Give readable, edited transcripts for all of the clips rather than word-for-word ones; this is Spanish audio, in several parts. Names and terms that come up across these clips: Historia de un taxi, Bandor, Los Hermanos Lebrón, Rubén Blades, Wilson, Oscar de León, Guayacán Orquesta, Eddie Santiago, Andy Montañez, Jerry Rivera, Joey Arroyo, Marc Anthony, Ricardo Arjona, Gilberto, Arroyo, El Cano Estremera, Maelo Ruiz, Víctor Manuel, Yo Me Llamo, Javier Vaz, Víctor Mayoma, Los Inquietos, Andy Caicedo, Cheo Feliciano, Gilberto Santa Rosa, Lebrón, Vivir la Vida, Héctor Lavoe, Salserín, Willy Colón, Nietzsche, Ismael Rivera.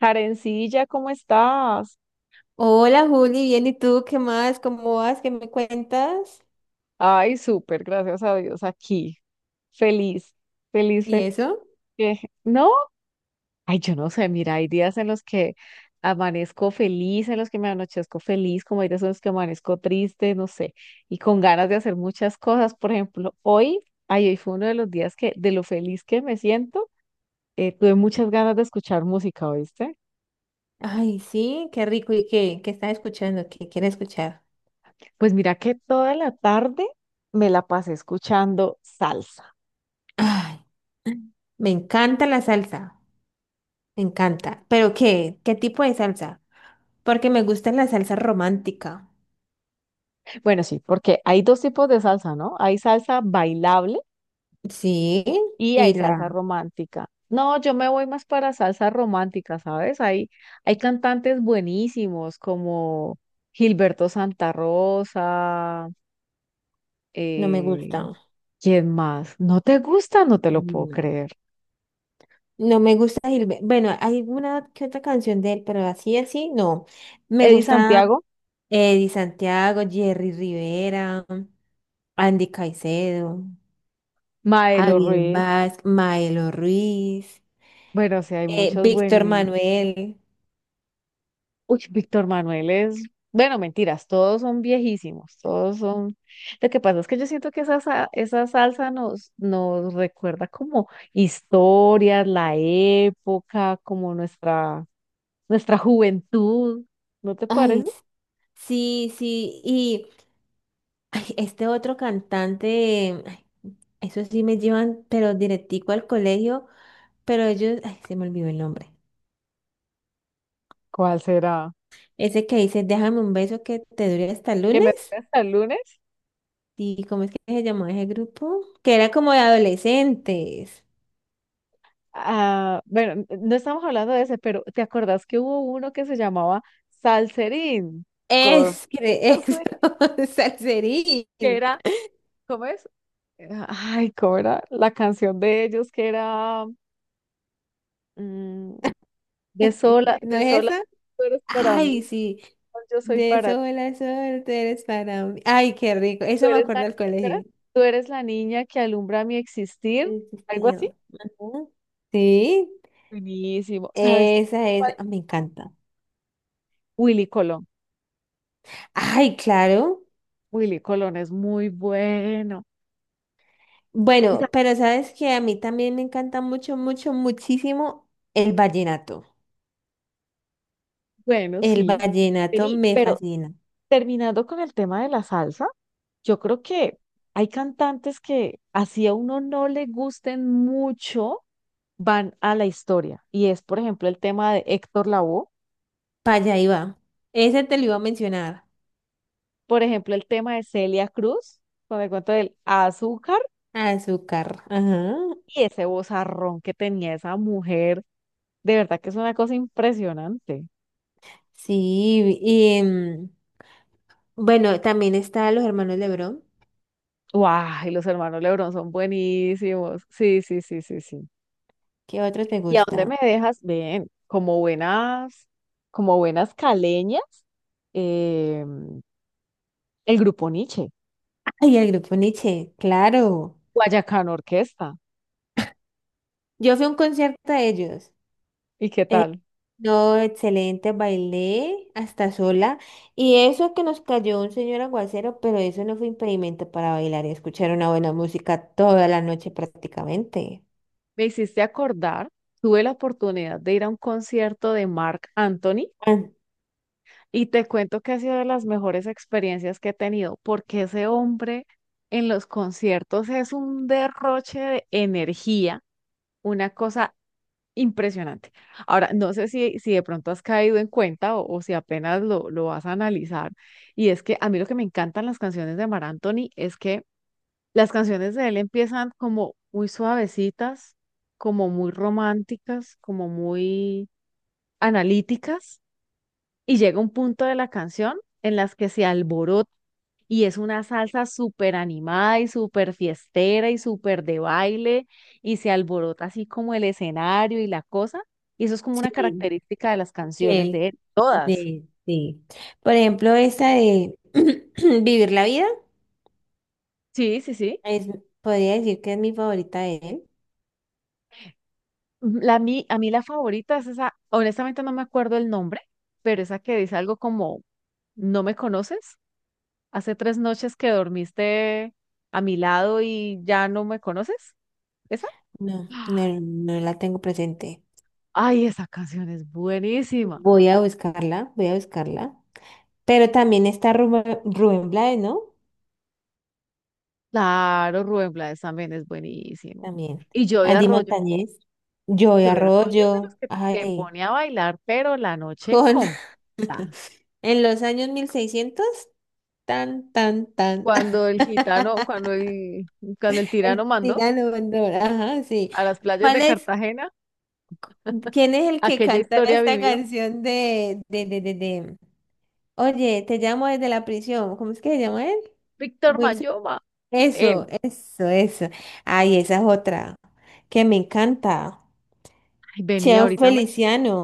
Jarencilla, ¿cómo estás? Hola Juli, bien, ¿y tú qué más? ¿Cómo vas? ¿Qué me cuentas? Ay, súper, gracias a Dios, aquí. Feliz, feliz, ¿Y feliz. eso? ¿No? Ay, yo no sé, mira, hay días en los que amanezco feliz, en los que me anochezco feliz, como hay días en los que amanezco triste, no sé, y con ganas de hacer muchas cosas. Por ejemplo, hoy, ay, hoy fue uno de los días que, de lo feliz que me siento, tuve muchas ganas de escuchar música, ¿oíste? Ay, sí, qué rico. ¿Y qué? ¿Qué estás escuchando? ¿Qué quieres escuchar? Pues mira que toda la tarde me la pasé escuchando salsa. Ay, me encanta la salsa, me encanta. ¿Pero qué? ¿Qué tipo de salsa? Porque me gusta la salsa romántica. Bueno, sí, porque hay dos tipos de salsa, ¿no? Hay salsa bailable Sí, y hay y salsa la romántica. No, yo me voy más para salsa romántica, ¿sabes? Hay cantantes buenísimos como Gilberto Santa Rosa, no me eh, gusta. ¿quién más? ¿No te gusta? No te lo puedo Mm. creer. No me gusta Gilberto. Bueno, hay una que otra canción de él, pero así, así, no. Me Eddie gusta Santiago, Eddie Santiago, Jerry Rivera. Andy Caicedo, Maelo Javier Ruiz. Vaz, Maelo Ruiz, Bueno, sí, hay muchos Víctor buenos. Manuel. Uy, Víctor Manuel es, bueno, mentiras, todos son viejísimos, todos son. Lo que pasa es que yo siento que esa salsa nos recuerda como historias, la época, como nuestra juventud, ¿no te Ay, parece? s- sí. Y ay, este otro cantante, ay, eso sí me llevan, pero directico al colegio, pero ellos, ay, se me olvidó el nombre. ¿Cuál será? Ese que dice, déjame un beso que te dure hasta el ¿Que me lunes. toque hasta el lunes? ¿Y cómo es que se llamó ese grupo? Que era como de adolescentes. Ah, bueno, no estamos hablando de ese, pero ¿te acordás que hubo uno que se llamaba Salserín? Con Es, cre- eso, Salserín. que era, ¿cómo es? Ay, ¿cómo era? La canción de ellos que era mm, de sola, ¿No es esa? tú eres para mí, Ay, sí. no, yo soy De para ti, sola suerte eres para mí. Ay, qué rico. tú Eso me eres la, acuerdo del ni- colegio. Tú eres la niña que alumbra mi existir, Sí, sí, algo así. señor. Ajá. Sí, Buenísimo. ¿Sabes esa es. cuál? Me encanta. Willy Colón. Ay, claro. Willy Colón es muy bueno. Y sa- Bueno, pero sabes que a mí también me encanta mucho, mucho, muchísimo el vallenato. Bueno, El sí. vallenato Vení, me pero fascina. terminando con el tema de la salsa, yo creo que hay cantantes que así a uno no le gusten mucho van a la historia. Y es, por ejemplo, el tema de Héctor Lavoe, Para allá iba. Ese te lo iba a mencionar. por ejemplo, el tema de Celia Cruz, con el cuento del azúcar Azúcar. Ajá. y ese vozarrón que tenía esa mujer. De verdad que es una cosa impresionante. Sí. Y bueno, también está Los Hermanos Lebrón. ¡Guau! Y los hermanos Lebrón son buenísimos. Sí, sí, sí, sí, sí. ¿Qué otro te ¿Y a dónde gusta? me dejas? Bien, como buenas caleñas, eh, el grupo Nietzsche, Ay, el grupo Nietzsche, claro. Guayacán Orquesta. Yo fui a un concierto de ellos. ¿Y qué Eh, tal? no, excelente, bailé hasta sola. Y eso que nos cayó un señor aguacero, pero eso no fue impedimento para bailar y escuchar una buena música toda la noche prácticamente. Me hiciste acordar, tuve la oportunidad de ir a un concierto de Marc Anthony Ah, y te cuento que ha sido de las mejores experiencias que he tenido, porque ese hombre en los conciertos es un derroche de energía, una cosa impresionante. Ahora, no sé si de pronto has caído en cuenta o si apenas lo vas a analizar, y es que a mí lo que me encantan las canciones de Marc Anthony es que las canciones de él empiezan como muy suavecitas, como muy románticas, como muy analíticas, y llega un punto de la canción en las que se alborota y es una salsa súper animada y súper fiestera y súper de baile y se alborota así como el escenario y la cosa, y eso es como una sí, característica de las que canciones de él, él. Todas. de, sí. Por ejemplo, esta de Vivir la Vida, Sí, sí, sí. es, podría decir que es mi favorita de él. La, a mí la favorita es esa, honestamente no me acuerdo el nombre, pero esa que dice algo como, ¿no me conoces? Hace 3 noches que dormiste a mi lado y ya no me conoces. ¿Esa? No, ¡Ah! no, no la tengo presente. Ay, esa canción es buenísima. Voy a buscarla, voy a buscarla. Pero también está Rubén Blades, ¿no? Claro, Rubén Blades también es buenísimo. También. Y Andy Montañez, Joey yo de Arroyo es de los Arroyo, que te ay, pone a bailar, pero la noche con completa. en los años 1600, tan, tan, tan, Cuando el gitano, cuando el tirano el mandó tirano Bandor, ajá, sí. a las playas ¿Cuál de es, Cartagena. ¿quién es el que Aquella canta historia esta vivió canción de oye, te llamo desde la prisión, ¿cómo es que se llama él? Víctor Wilson. Mayoma. Eso, Él, eso, eso. Ay, esa es otra que me encanta. ay, vení, Cheo ahorita me... Feliciano.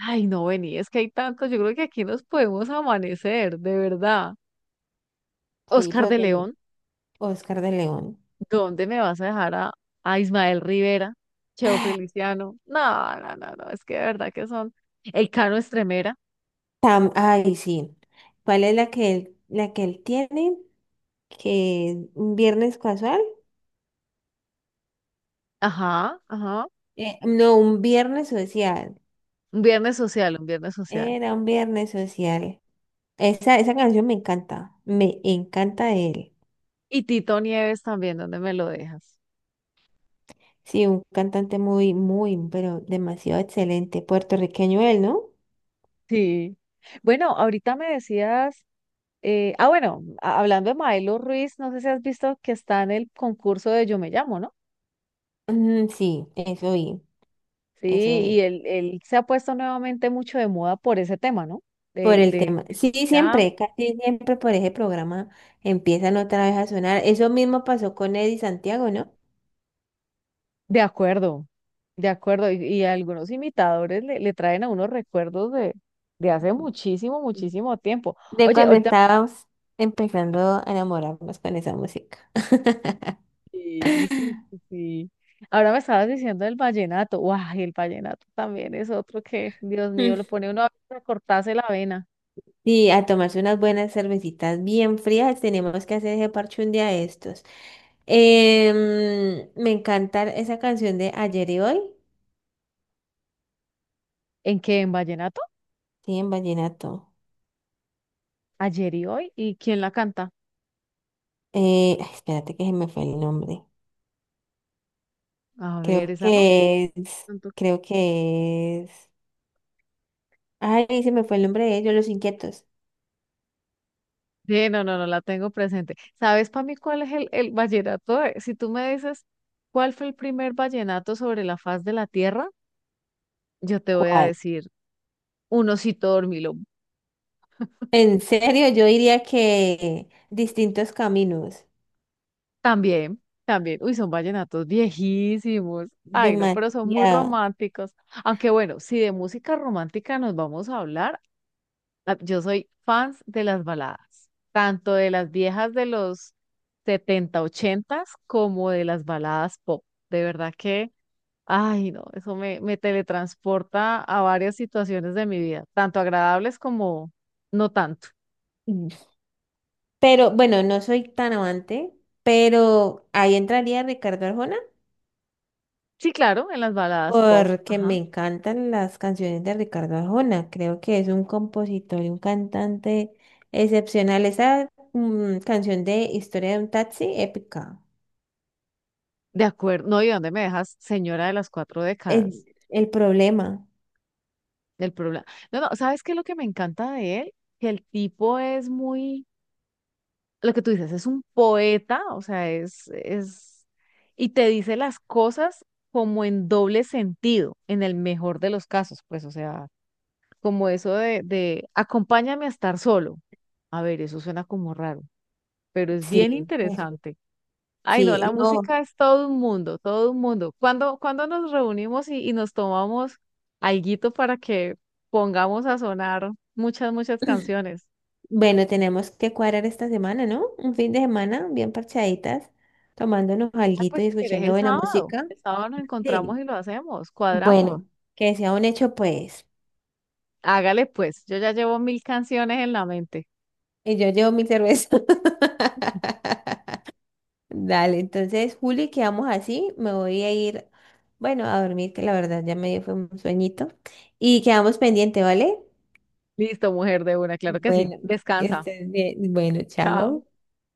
Ay, no, vení, es que hay tantos, yo creo que aquí nos podemos amanecer, de verdad. Sí, Oscar pero de también. León, Oscar de León. ¿dónde me vas a dejar a, Ismael Rivera, Cheo Feliciano? No, no, no, no, es que de verdad que son... El Cano Estremera, Ay, sí. ¿Cuál es la que él, ¿la que él tiene? Que un viernes casual. ajá, ajá. No, un viernes social. Un viernes social, un viernes social. Era un viernes social. Esa canción me encanta. Me encanta de él. Y Tito Nieves también, ¿dónde me lo dejas? Sí, un cantante muy, muy, pero demasiado excelente. Puertorriqueño él, ¿no? Sí. Bueno, ahorita me decías... Ah, bueno, hablando de Maelo Ruiz, no sé si has visto que está en el concurso de Yo Me Llamo, ¿no? Mm, sí, eso vi, Sí, eso y vi. él se ha puesto nuevamente mucho de moda por ese tema, ¿no? Por De, el de, tema. Sí, ya, siempre, casi siempre por ese programa empiezan otra vez a sonar. Eso mismo pasó con Eddie Santiago, ¿no? de acuerdo, de acuerdo. Y algunos imitadores le traen a unos recuerdos de hace muchísimo, Mm. muchísimo tiempo. De Oye, cuando ahorita, estábamos empezando a enamorarnos con esa música. sí, sí, sí. Sí. Ahora me estabas diciendo el vallenato. ¡Guau! El vallenato también es otro que, Dios mío, Mm. lo pone uno a cortarse la vena. Sí, a tomarse unas buenas cervecitas bien frías. Tenemos que hacer ese parche un día de estos. Me encanta esa canción de Ayer y Hoy. ¿En qué? ¿En vallenato? Sí, en vallenato. Ayer y hoy. ¿Y quién la canta? Ay, espérate que se me fue el nombre. A ver, esa no. Tanto- Creo que es. Ay, se me fue el nombre de ellos, Los Inquietos. Sí, no, no, no la tengo presente. ¿Sabes para mí cuál es el vallenato? Si tú me dices cuál fue el primer vallenato sobre la faz de la tierra, yo te voy a ¿Cuál? decir un osito dormilón. En serio, yo diría que distintos caminos. También, también. Uy, son vallenatos viejísimos. Ay, no, pero son muy Demasiado. románticos. Aunque bueno, si de música romántica nos vamos a hablar. Ah, yo soy fans de las baladas, tanto de las viejas de los 70 80 como de las baladas pop. De verdad que, ay, no, eso me teletransporta a varias situaciones de mi vida, tanto agradables como no tanto. Mm. Pero bueno, no soy tan amante, pero ahí entraría Ricardo Arjona. Sí, claro, en las baladas pop, Porque me ajá. encantan las canciones de Ricardo Arjona. Creo que es un compositor y un cantante excepcional. Esa canción de Historia de un taxi, épica. De acuerdo, no, ¿y dónde me dejas, señora de las cuatro El, décadas? el problema. El problema. No, no, ¿sabes qué es lo que me encanta de él? Que el tipo es muy lo que tú dices, es un poeta, o sea, y te dice las cosas como en doble sentido, en el mejor de los casos, pues, o sea, como eso de acompáñame a estar solo. A ver, eso suena como raro, pero es bien Sí, uf, interesante. Ay, no, sí, la no. música es todo un mundo, todo un mundo. ¿Cuándo nos reunimos y nos tomamos alguito para que pongamos a sonar muchas, muchas canciones? Bueno, tenemos que cuadrar esta semana, ¿no? Un fin de semana bien parchaditas, tomándonos Ah, alguito pues y si querés escuchando el buena sábado. música. El sábado nos encontramos Sí. y lo hacemos, cuadramos. Bueno, que sea un hecho, pues. Hágale pues, yo ya llevo mil canciones en la mente. Y yo llevo mi cerveza. Dale, entonces, Juli, quedamos así. Me voy a ir, bueno, a dormir, que la verdad ya me dio fue un sueñito. Y quedamos pendiente, ¿vale? Listo, mujer de una, claro que sí. Bueno, que Descansa. estés bien. Bueno, Chao. chao.